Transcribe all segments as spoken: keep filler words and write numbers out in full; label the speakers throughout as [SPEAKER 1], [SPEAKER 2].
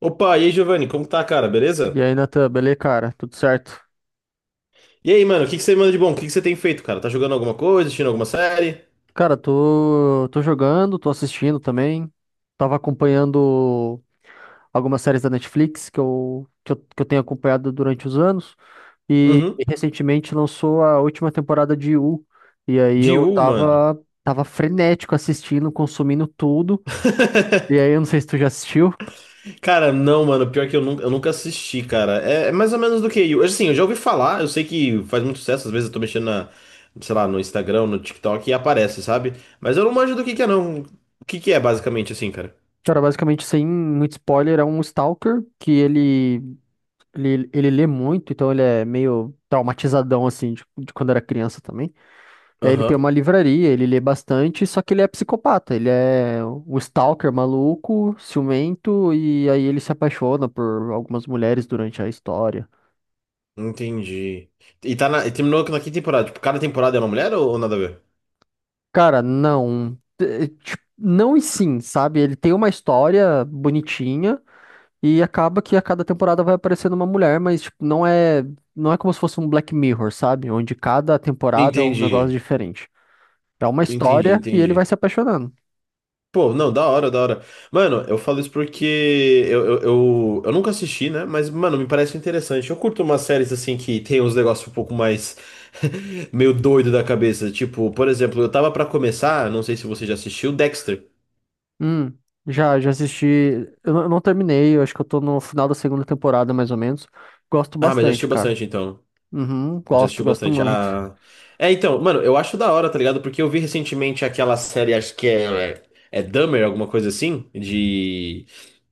[SPEAKER 1] Opa, e aí, Giovanni, como tá, cara? Beleza?
[SPEAKER 2] E aí, Natan, beleza, cara? Tudo certo?
[SPEAKER 1] E aí, mano, o que que você manda de bom? O que que você tem feito, cara? Tá jogando alguma coisa, assistindo alguma série?
[SPEAKER 2] Cara, tô, tô jogando, tô assistindo também. Tava acompanhando algumas séries da Netflix que eu, que eu, que eu tenho acompanhado durante os anos. E
[SPEAKER 1] Uhum.
[SPEAKER 2] recentemente lançou a última temporada de U. E aí
[SPEAKER 1] De
[SPEAKER 2] eu
[SPEAKER 1] U, mano.
[SPEAKER 2] tava, tava frenético assistindo, consumindo tudo. E aí, eu não sei se tu já assistiu.
[SPEAKER 1] Cara, não, mano. Pior que eu nunca, eu nunca assisti, cara. É, é mais ou menos do que eu. Assim, eu já ouvi falar, eu sei que faz muito sucesso, às vezes eu tô mexendo na, sei lá, no Instagram, no TikTok e aparece, sabe? Mas eu não manjo do que que é, não. O que que é, basicamente, assim, cara?
[SPEAKER 2] Cara, basicamente, sem muito spoiler, é um stalker que ele, ele, ele lê muito, então ele é meio traumatizadão, assim, de, de quando era criança também. É, ele tem
[SPEAKER 1] Aham.
[SPEAKER 2] uma livraria, ele lê bastante, só que ele é psicopata. Ele é um stalker maluco, ciumento, e aí ele se apaixona por algumas mulheres durante a história.
[SPEAKER 1] Entendi. E tá na, e terminou na que temporada? Tipo, cada temporada é uma mulher ou, ou nada a ver?
[SPEAKER 2] Cara, não. É, tipo, não e sim, sabe? Ele tem uma história bonitinha e acaba que a cada temporada vai aparecendo uma mulher, mas tipo, não é, não é como se fosse um Black Mirror, sabe? Onde cada temporada é um negócio
[SPEAKER 1] Entendi.
[SPEAKER 2] diferente. É uma
[SPEAKER 1] Entendi,
[SPEAKER 2] história e ele vai
[SPEAKER 1] entendi.
[SPEAKER 2] se apaixonando.
[SPEAKER 1] Pô, não, da hora, da hora. Mano, eu falo isso porque eu, eu, eu, eu nunca assisti, né? Mas, mano, me parece interessante. Eu curto umas séries assim que tem uns negócios um pouco mais meio doido da cabeça. Tipo, por exemplo, eu tava pra começar, não sei se você já assistiu, Dexter.
[SPEAKER 2] Hum, já, já assisti. Eu não, eu não terminei, eu acho que eu tô no final da segunda temporada, mais ou menos. Gosto
[SPEAKER 1] Ah, mas já
[SPEAKER 2] bastante,
[SPEAKER 1] assistiu
[SPEAKER 2] cara.
[SPEAKER 1] bastante então.
[SPEAKER 2] Uhum,
[SPEAKER 1] Já
[SPEAKER 2] gosto,
[SPEAKER 1] assistiu
[SPEAKER 2] gosto
[SPEAKER 1] bastante.
[SPEAKER 2] muito.
[SPEAKER 1] Ah. É, então, mano, eu acho da hora, tá ligado? Porque eu vi recentemente aquela série, acho que é, é Dahmer, alguma coisa assim, de.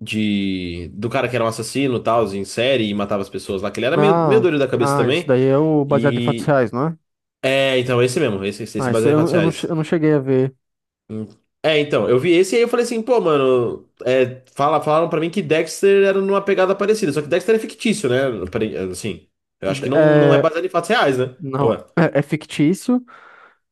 [SPEAKER 1] De do cara que era um assassino, tal, em série e matava as pessoas lá, que ele era meio, meio
[SPEAKER 2] Ah,
[SPEAKER 1] doido da cabeça
[SPEAKER 2] ah, isso
[SPEAKER 1] também.
[SPEAKER 2] daí é o baseado em fatos
[SPEAKER 1] E
[SPEAKER 2] reais, não é?
[SPEAKER 1] é, então esse mesmo, esse esse, esse
[SPEAKER 2] Ah, isso
[SPEAKER 1] baseado em
[SPEAKER 2] eu,
[SPEAKER 1] fatos
[SPEAKER 2] eu não, che-
[SPEAKER 1] reais.
[SPEAKER 2] eu não cheguei a ver.
[SPEAKER 1] Hum. É, então, eu vi esse e aí eu falei assim, pô, mano, é, fala, falaram pra mim que Dexter era numa pegada parecida, só que Dexter é fictício, né? Apare- Assim, eu acho
[SPEAKER 2] D-
[SPEAKER 1] que não, não é
[SPEAKER 2] É,
[SPEAKER 1] baseado em fatos reais, né?
[SPEAKER 2] não,
[SPEAKER 1] Ué.
[SPEAKER 2] é, é fictício.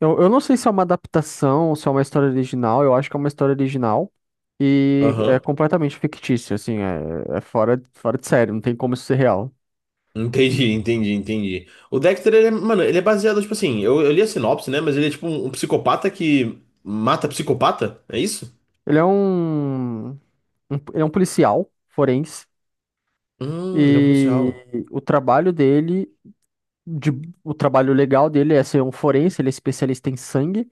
[SPEAKER 2] Eu, eu não sei se é uma adaptação ou se é uma história original, eu acho que é uma história original. E é
[SPEAKER 1] Aham.
[SPEAKER 2] completamente fictício, assim, é, é fora, fora de série, não tem como isso ser real.
[SPEAKER 1] Entendi, entendi, entendi. O Dexter, ele é, mano, ele é baseado, tipo assim, eu, eu li a sinopse, né? Mas ele é tipo um um psicopata que mata psicopata, é isso?
[SPEAKER 2] Ele é um. um- ele é um policial forense
[SPEAKER 1] Hum, ele é um
[SPEAKER 2] e
[SPEAKER 1] policial.
[SPEAKER 2] o trabalho dele, de- o trabalho legal dele é ser um forense, ele é especialista em sangue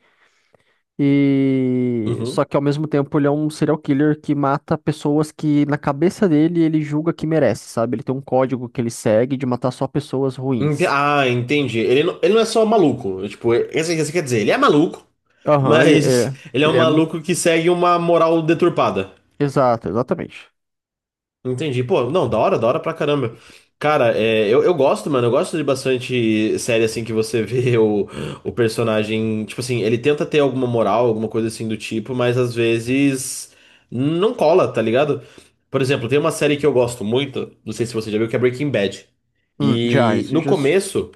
[SPEAKER 2] e só
[SPEAKER 1] Uhum.
[SPEAKER 2] que ao mesmo tempo ele é um serial killer que mata pessoas que na cabeça dele ele julga que merece, sabe? Ele tem um código que ele segue de matar só pessoas
[SPEAKER 1] Ente-
[SPEAKER 2] ruins.
[SPEAKER 1] ah, entendi. Ele não, ele não é só maluco. É Tipo, esse, esse quer dizer, ele é maluco,
[SPEAKER 2] Aham, ele
[SPEAKER 1] mas
[SPEAKER 2] é,
[SPEAKER 1] ele é um
[SPEAKER 2] ele é,
[SPEAKER 1] maluco que segue uma moral deturpada.
[SPEAKER 2] exato, exatamente.
[SPEAKER 1] Entendi. Pô, não, da hora, da hora pra caramba. Cara, é, eu, eu gosto, mano, eu gosto de bastante série assim que você vê o, o personagem. Tipo assim, ele tenta ter alguma moral, alguma coisa assim do tipo, mas às vezes não cola, tá ligado? Por exemplo, tem uma série que eu gosto muito, não sei se você já viu, que é Breaking Bad.
[SPEAKER 2] Hum, já,
[SPEAKER 1] E
[SPEAKER 2] isso
[SPEAKER 1] no
[SPEAKER 2] já,
[SPEAKER 1] começo,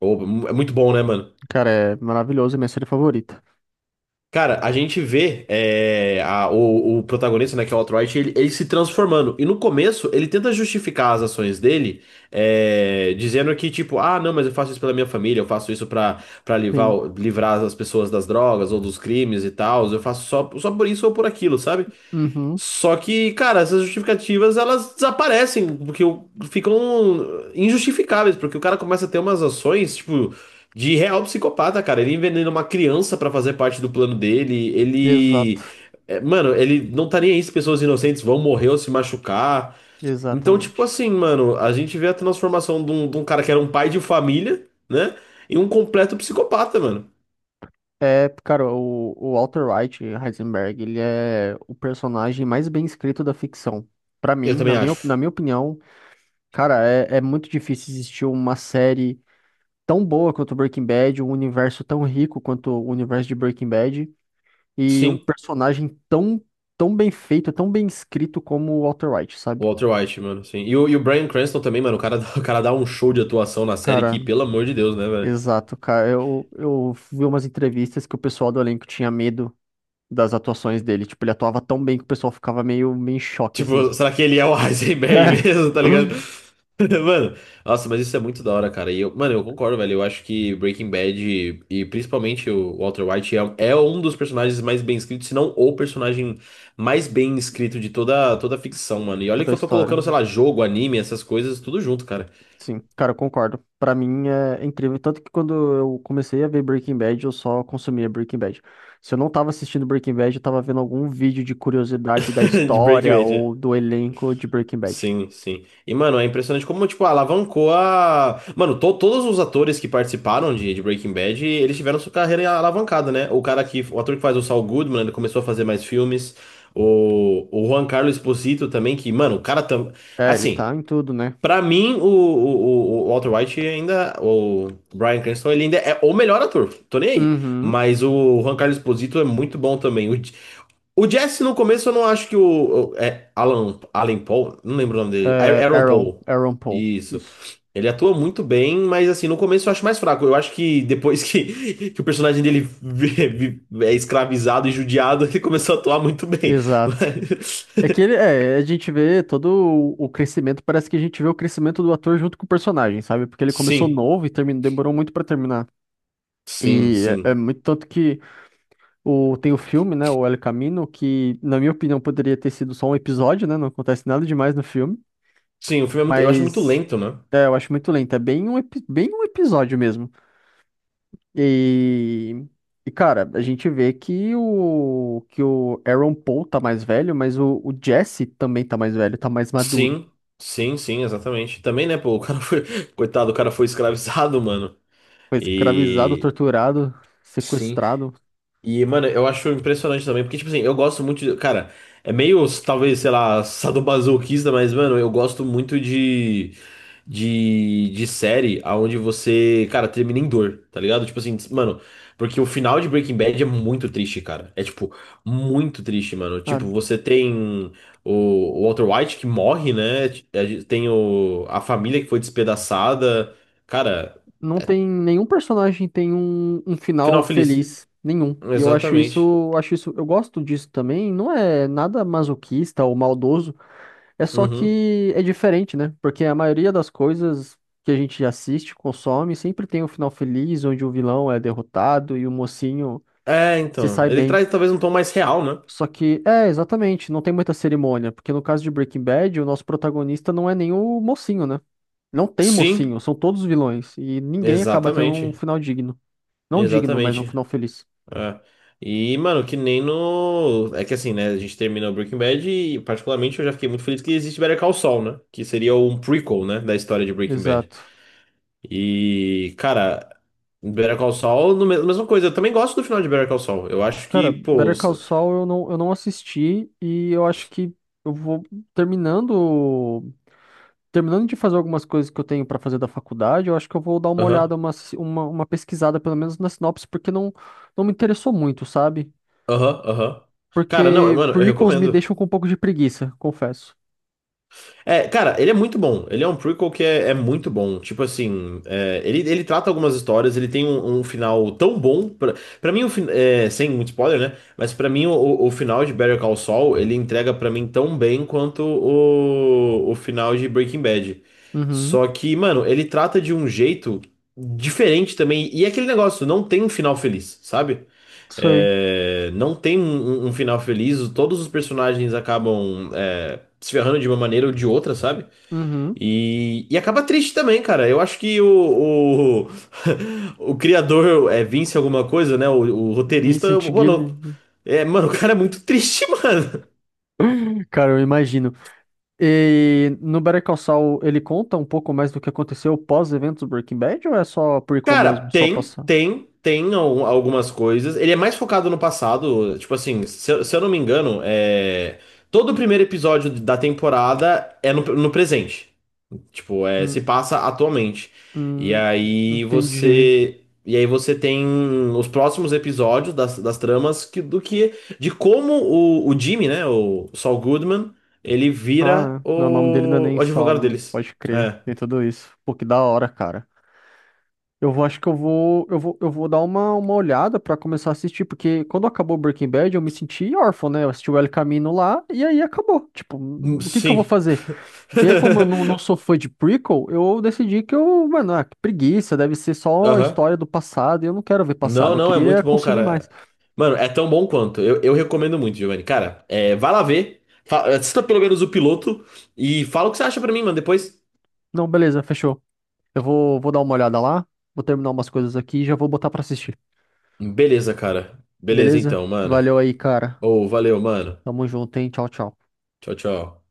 [SPEAKER 1] ô, é muito bom, né, mano?
[SPEAKER 2] cara, é maravilhoso, é minha série favorita.
[SPEAKER 1] Cara, a gente vê é, a- o, o protagonista, né, que é o Alt-Right, ele, ele se transformando. E no começo, ele tenta justificar as ações dele, é, dizendo que, tipo, ah, não, mas eu faço isso pela minha família, eu faço isso pra, pra livrar,
[SPEAKER 2] Sim.
[SPEAKER 1] livrar as pessoas das drogas ou dos crimes e tal, eu faço só, só por isso ou por aquilo, sabe?
[SPEAKER 2] Uhum,
[SPEAKER 1] Só que, cara, essas justificativas elas desaparecem, porque o- ficam injustificáveis, porque o cara começa a ter umas ações, tipo, de real psicopata, cara. Ele envenena uma criança pra fazer parte do plano dele,
[SPEAKER 2] exato,
[SPEAKER 1] ele. É, mano, ele não tá nem aí se pessoas inocentes vão morrer ou se machucar. Então, tipo
[SPEAKER 2] exatamente.
[SPEAKER 1] assim, mano, a gente vê a transformação de um, de um cara que era um pai de família, né? Em um completo psicopata, mano.
[SPEAKER 2] É, cara, o, o Walter White, Heisenberg, ele é o personagem mais bem escrito da ficção. Pra mim,
[SPEAKER 1] Eu
[SPEAKER 2] na
[SPEAKER 1] também
[SPEAKER 2] minha, na
[SPEAKER 1] acho.
[SPEAKER 2] minha opinião, cara, é, é muito difícil existir uma série tão boa quanto Breaking Bad, um universo tão rico quanto o universo de Breaking Bad, e um
[SPEAKER 1] Sim.
[SPEAKER 2] personagem tão, tão bem feito, tão bem escrito como o Walter White,
[SPEAKER 1] O
[SPEAKER 2] sabe?
[SPEAKER 1] Walter White, mano, sim. E o, e o Bryan Cranston também, mano. O cara, dá- o cara dá um show de atuação na série
[SPEAKER 2] Cara,
[SPEAKER 1] que, pelo amor de Deus, né, velho?
[SPEAKER 2] exato, cara. Eu, eu vi umas entrevistas que o pessoal do elenco tinha medo das atuações dele. Tipo, ele atuava tão bem que o pessoal ficava meio, meio em choque, assim.
[SPEAKER 1] Tipo, será que ele é o Heisenberg
[SPEAKER 2] É,
[SPEAKER 1] mesmo, tá ligado? Mano, nossa, mas isso é muito da hora, cara. E eu, mano, eu concordo, velho. Eu acho que Breaking Bad e, e principalmente o Walter White é, é um dos personagens mais bem escritos, se não o personagem mais bem escrito de toda, toda a ficção, mano. E olha
[SPEAKER 2] toda
[SPEAKER 1] que
[SPEAKER 2] a
[SPEAKER 1] eu tô
[SPEAKER 2] história.
[SPEAKER 1] colocando, sei lá, jogo, anime, essas coisas, tudo junto, cara.
[SPEAKER 2] Sim, cara, eu concordo. Pra mim é incrível. Tanto que quando eu comecei a ver Breaking Bad, eu só consumia Breaking Bad. Se eu não tava assistindo Breaking Bad, eu tava vendo algum vídeo de curiosidade da
[SPEAKER 1] De Breaking
[SPEAKER 2] história
[SPEAKER 1] Bad,
[SPEAKER 2] ou
[SPEAKER 1] né?
[SPEAKER 2] do elenco de Breaking Bad.
[SPEAKER 1] Sim, sim. E, mano, é impressionante como, tipo, alavancou a. Mano, to- todos os atores que participaram de, de Breaking Bad, eles tiveram sua carreira alavancada, né? O cara que. O ator que faz o Saul Goodman, ele começou a fazer mais filmes. O, o Juan Carlos Esposito também, que, mano, o cara tam...
[SPEAKER 2] É, ele
[SPEAKER 1] Assim,
[SPEAKER 2] tá em tudo, né?
[SPEAKER 1] pra mim, o, o, o o Walter White ainda. O Bryan Cranston, ele ainda é o melhor ator. Tô nem aí.
[SPEAKER 2] Uhum.
[SPEAKER 1] Mas o Juan Carlos Esposito é muito bom também. O Jess, no começo, eu não acho que o. o- É, Alan, Alan Paul? Não lembro o nome dele. A-
[SPEAKER 2] É,
[SPEAKER 1] Aaron
[SPEAKER 2] Aaron,
[SPEAKER 1] Paul.
[SPEAKER 2] Aaron Paul.
[SPEAKER 1] Isso.
[SPEAKER 2] Isso.
[SPEAKER 1] Ele atua muito bem, mas assim, no começo eu acho mais fraco. Eu acho que depois que, que o personagem dele vi- vi- é escravizado e judiado, ele começou a atuar muito bem.
[SPEAKER 2] Exato.
[SPEAKER 1] Mas-
[SPEAKER 2] É que ele, é, a gente vê todo o o crescimento, parece que a gente vê o crescimento do ator junto com o personagem, sabe? Porque ele começou
[SPEAKER 1] Sim,
[SPEAKER 2] novo e terminou, demorou muito pra terminar.
[SPEAKER 1] sim,
[SPEAKER 2] E é, é
[SPEAKER 1] sim.
[SPEAKER 2] muito tanto que O, tem o filme, né? O El Camino, que, na minha opinião, poderia ter sido só um episódio, né? Não acontece nada demais no filme.
[SPEAKER 1] Sim, o filme é muito. Eu acho muito
[SPEAKER 2] Mas
[SPEAKER 1] lento, né?
[SPEAKER 2] é, eu acho muito lento. É bem um, epi- bem um episódio mesmo. E, e, cara, a gente vê que o, que o Aaron Paul tá mais velho, mas o, o Jesse também tá mais velho, tá mais maduro.
[SPEAKER 1] Sim, sim, sim, exatamente. Também, né, pô, o cara foi. Coitado, o cara foi escravizado, mano.
[SPEAKER 2] Foi escravizado,
[SPEAKER 1] E.
[SPEAKER 2] torturado,
[SPEAKER 1] Sim.
[SPEAKER 2] sequestrado.
[SPEAKER 1] E, mano, eu acho impressionante também, porque, tipo assim, eu gosto muito de. Cara, é meio, talvez, sei lá, sadomasoquista, mas, mano, eu gosto muito de, de, de série aonde você, cara, termina em dor, tá ligado? Tipo assim, mano, porque o final de Breaking Bad é muito triste, cara. É, tipo, muito triste, mano. Tipo, você tem o, o Walter White que morre, né? É, Tem o, a família que foi despedaçada. Cara,
[SPEAKER 2] Não tem nenhum personagem tem um, um final
[SPEAKER 1] final feliz.
[SPEAKER 2] feliz, nenhum. E eu acho
[SPEAKER 1] Exatamente.
[SPEAKER 2] isso, acho isso, eu gosto disso também, não é nada masoquista ou maldoso, é só
[SPEAKER 1] Uhum.
[SPEAKER 2] que é diferente, né? Porque a maioria das coisas que a gente assiste, consome, sempre tem um final feliz onde o vilão é derrotado e o mocinho
[SPEAKER 1] É,
[SPEAKER 2] se
[SPEAKER 1] então.
[SPEAKER 2] sai
[SPEAKER 1] Ele
[SPEAKER 2] bem.
[SPEAKER 1] traz talvez um tom mais real, né?
[SPEAKER 2] Só que, é, exatamente, não tem muita cerimônia, porque no caso de Breaking Bad, o nosso protagonista não é nem o mocinho, né? Não tem
[SPEAKER 1] Sim,
[SPEAKER 2] mocinho, são todos vilões, e ninguém acaba tendo um
[SPEAKER 1] exatamente.
[SPEAKER 2] final digno. Não digno, mas um
[SPEAKER 1] Exatamente.
[SPEAKER 2] final feliz.
[SPEAKER 1] É. E, mano, que nem no. É que assim, né? A gente terminou Breaking Bad e, particularmente, eu já fiquei muito feliz que existe Better Call Saul, né? Que seria um prequel, né? Da história de Breaking Bad.
[SPEAKER 2] Exato.
[SPEAKER 1] E, cara, Better Call Saul, no me- mesma coisa. Eu também gosto do final de Better Call Saul. Eu acho que,
[SPEAKER 2] Cara,
[SPEAKER 1] pô.
[SPEAKER 2] Better Call
[SPEAKER 1] Os-
[SPEAKER 2] Saul eu não, eu não assisti e eu acho que eu vou terminando terminando de fazer algumas coisas que eu tenho pra fazer da faculdade, eu acho que eu vou dar uma
[SPEAKER 1] Aham,
[SPEAKER 2] olhada, uma, si- uma, uma pesquisada pelo menos na sinopse, porque não, não me interessou muito, sabe?
[SPEAKER 1] aham, aham. Cara, não,
[SPEAKER 2] Porque
[SPEAKER 1] mano, eu
[SPEAKER 2] prequels me
[SPEAKER 1] recomendo.
[SPEAKER 2] deixam com um pouco de preguiça, confesso.
[SPEAKER 1] É, cara, ele é muito bom. Ele é um prequel que é, é muito bom. Tipo assim, é, ele, ele trata algumas histórias, ele tem um, um final tão bom. Pra, pra mim, o fin- é, sem muito spoiler, né? Mas pra mim, o, o final de Better Call Saul, ele entrega pra mim tão bem quanto o, o final de Breaking Bad.
[SPEAKER 2] Uhum,
[SPEAKER 1] Só que, mano, ele trata de um jeito diferente também. E é aquele negócio, não tem um final feliz, sabe?
[SPEAKER 2] sei.
[SPEAKER 1] É, não tem um, um um final feliz, todos os personagens acabam é, se ferrando de uma maneira ou de outra, sabe?
[SPEAKER 2] Uhum.
[SPEAKER 1] E, e acaba triste também, cara. Eu acho que o, o, o criador é Vince alguma coisa, né? O, o roteirista,
[SPEAKER 2] Vincent
[SPEAKER 1] mano,
[SPEAKER 2] Gilligan.
[SPEAKER 1] é, mano, o cara é muito triste, mano.
[SPEAKER 2] Cara, eu imagino. E no Better Call Saul, ele conta um pouco mais do que aconteceu pós-eventos do Breaking Bad ou é só prequel
[SPEAKER 1] Cara,
[SPEAKER 2] mesmo, só
[SPEAKER 1] tem,
[SPEAKER 2] passar?
[SPEAKER 1] tem, tem al- algumas coisas. Ele é mais focado no passado, tipo assim, se, eu- se eu não me engano, é, todo o primeiro episódio da temporada é no no presente. Tipo, é,
[SPEAKER 2] Hum,
[SPEAKER 1] se passa atualmente. E
[SPEAKER 2] hum,
[SPEAKER 1] aí
[SPEAKER 2] entendi.
[SPEAKER 1] você. E aí você tem os próximos episódios das, das tramas que, do que. De como o, o Jimmy, né? O Saul Goodman, ele vira
[SPEAKER 2] Ah, não, o nome dele não é
[SPEAKER 1] o,
[SPEAKER 2] nem
[SPEAKER 1] o
[SPEAKER 2] Saul,
[SPEAKER 1] advogado
[SPEAKER 2] não.
[SPEAKER 1] deles.
[SPEAKER 2] Pode crer,
[SPEAKER 1] É.
[SPEAKER 2] tem tudo isso. Pô, que da hora, cara. Eu vou, acho que eu vou, eu vou, eu vou dar uma, uma olhada pra começar a assistir, porque quando acabou Breaking Bad, eu me senti órfão, né? Eu assisti o El Camino lá e aí acabou. Tipo,
[SPEAKER 1] Hum,
[SPEAKER 2] o que que eu vou
[SPEAKER 1] Sim.
[SPEAKER 2] fazer? E aí, como eu não, não sou fã de prequel, eu decidi que eu, mano, ah, que preguiça, deve ser só a
[SPEAKER 1] Aham.
[SPEAKER 2] história do passado, e eu não quero ver
[SPEAKER 1] Não,
[SPEAKER 2] passado, eu
[SPEAKER 1] não, é
[SPEAKER 2] queria
[SPEAKER 1] muito bom,
[SPEAKER 2] consumir mais.
[SPEAKER 1] cara. Mano, é tão bom quanto. Eu, eu recomendo muito, Giovanni. Cara, é, vai lá ver. Fa- Assista pelo menos o piloto e fala o que você acha pra mim, mano, depois.
[SPEAKER 2] Não, beleza, fechou. Eu vou, vou dar uma olhada lá, vou terminar umas coisas aqui e já vou botar pra assistir.
[SPEAKER 1] Beleza, cara. Beleza
[SPEAKER 2] Beleza?
[SPEAKER 1] então, mano.
[SPEAKER 2] Valeu aí, cara.
[SPEAKER 1] Ô, valeu, mano.
[SPEAKER 2] Tamo junto, hein? Tchau, tchau.
[SPEAKER 1] Tchau, tchau.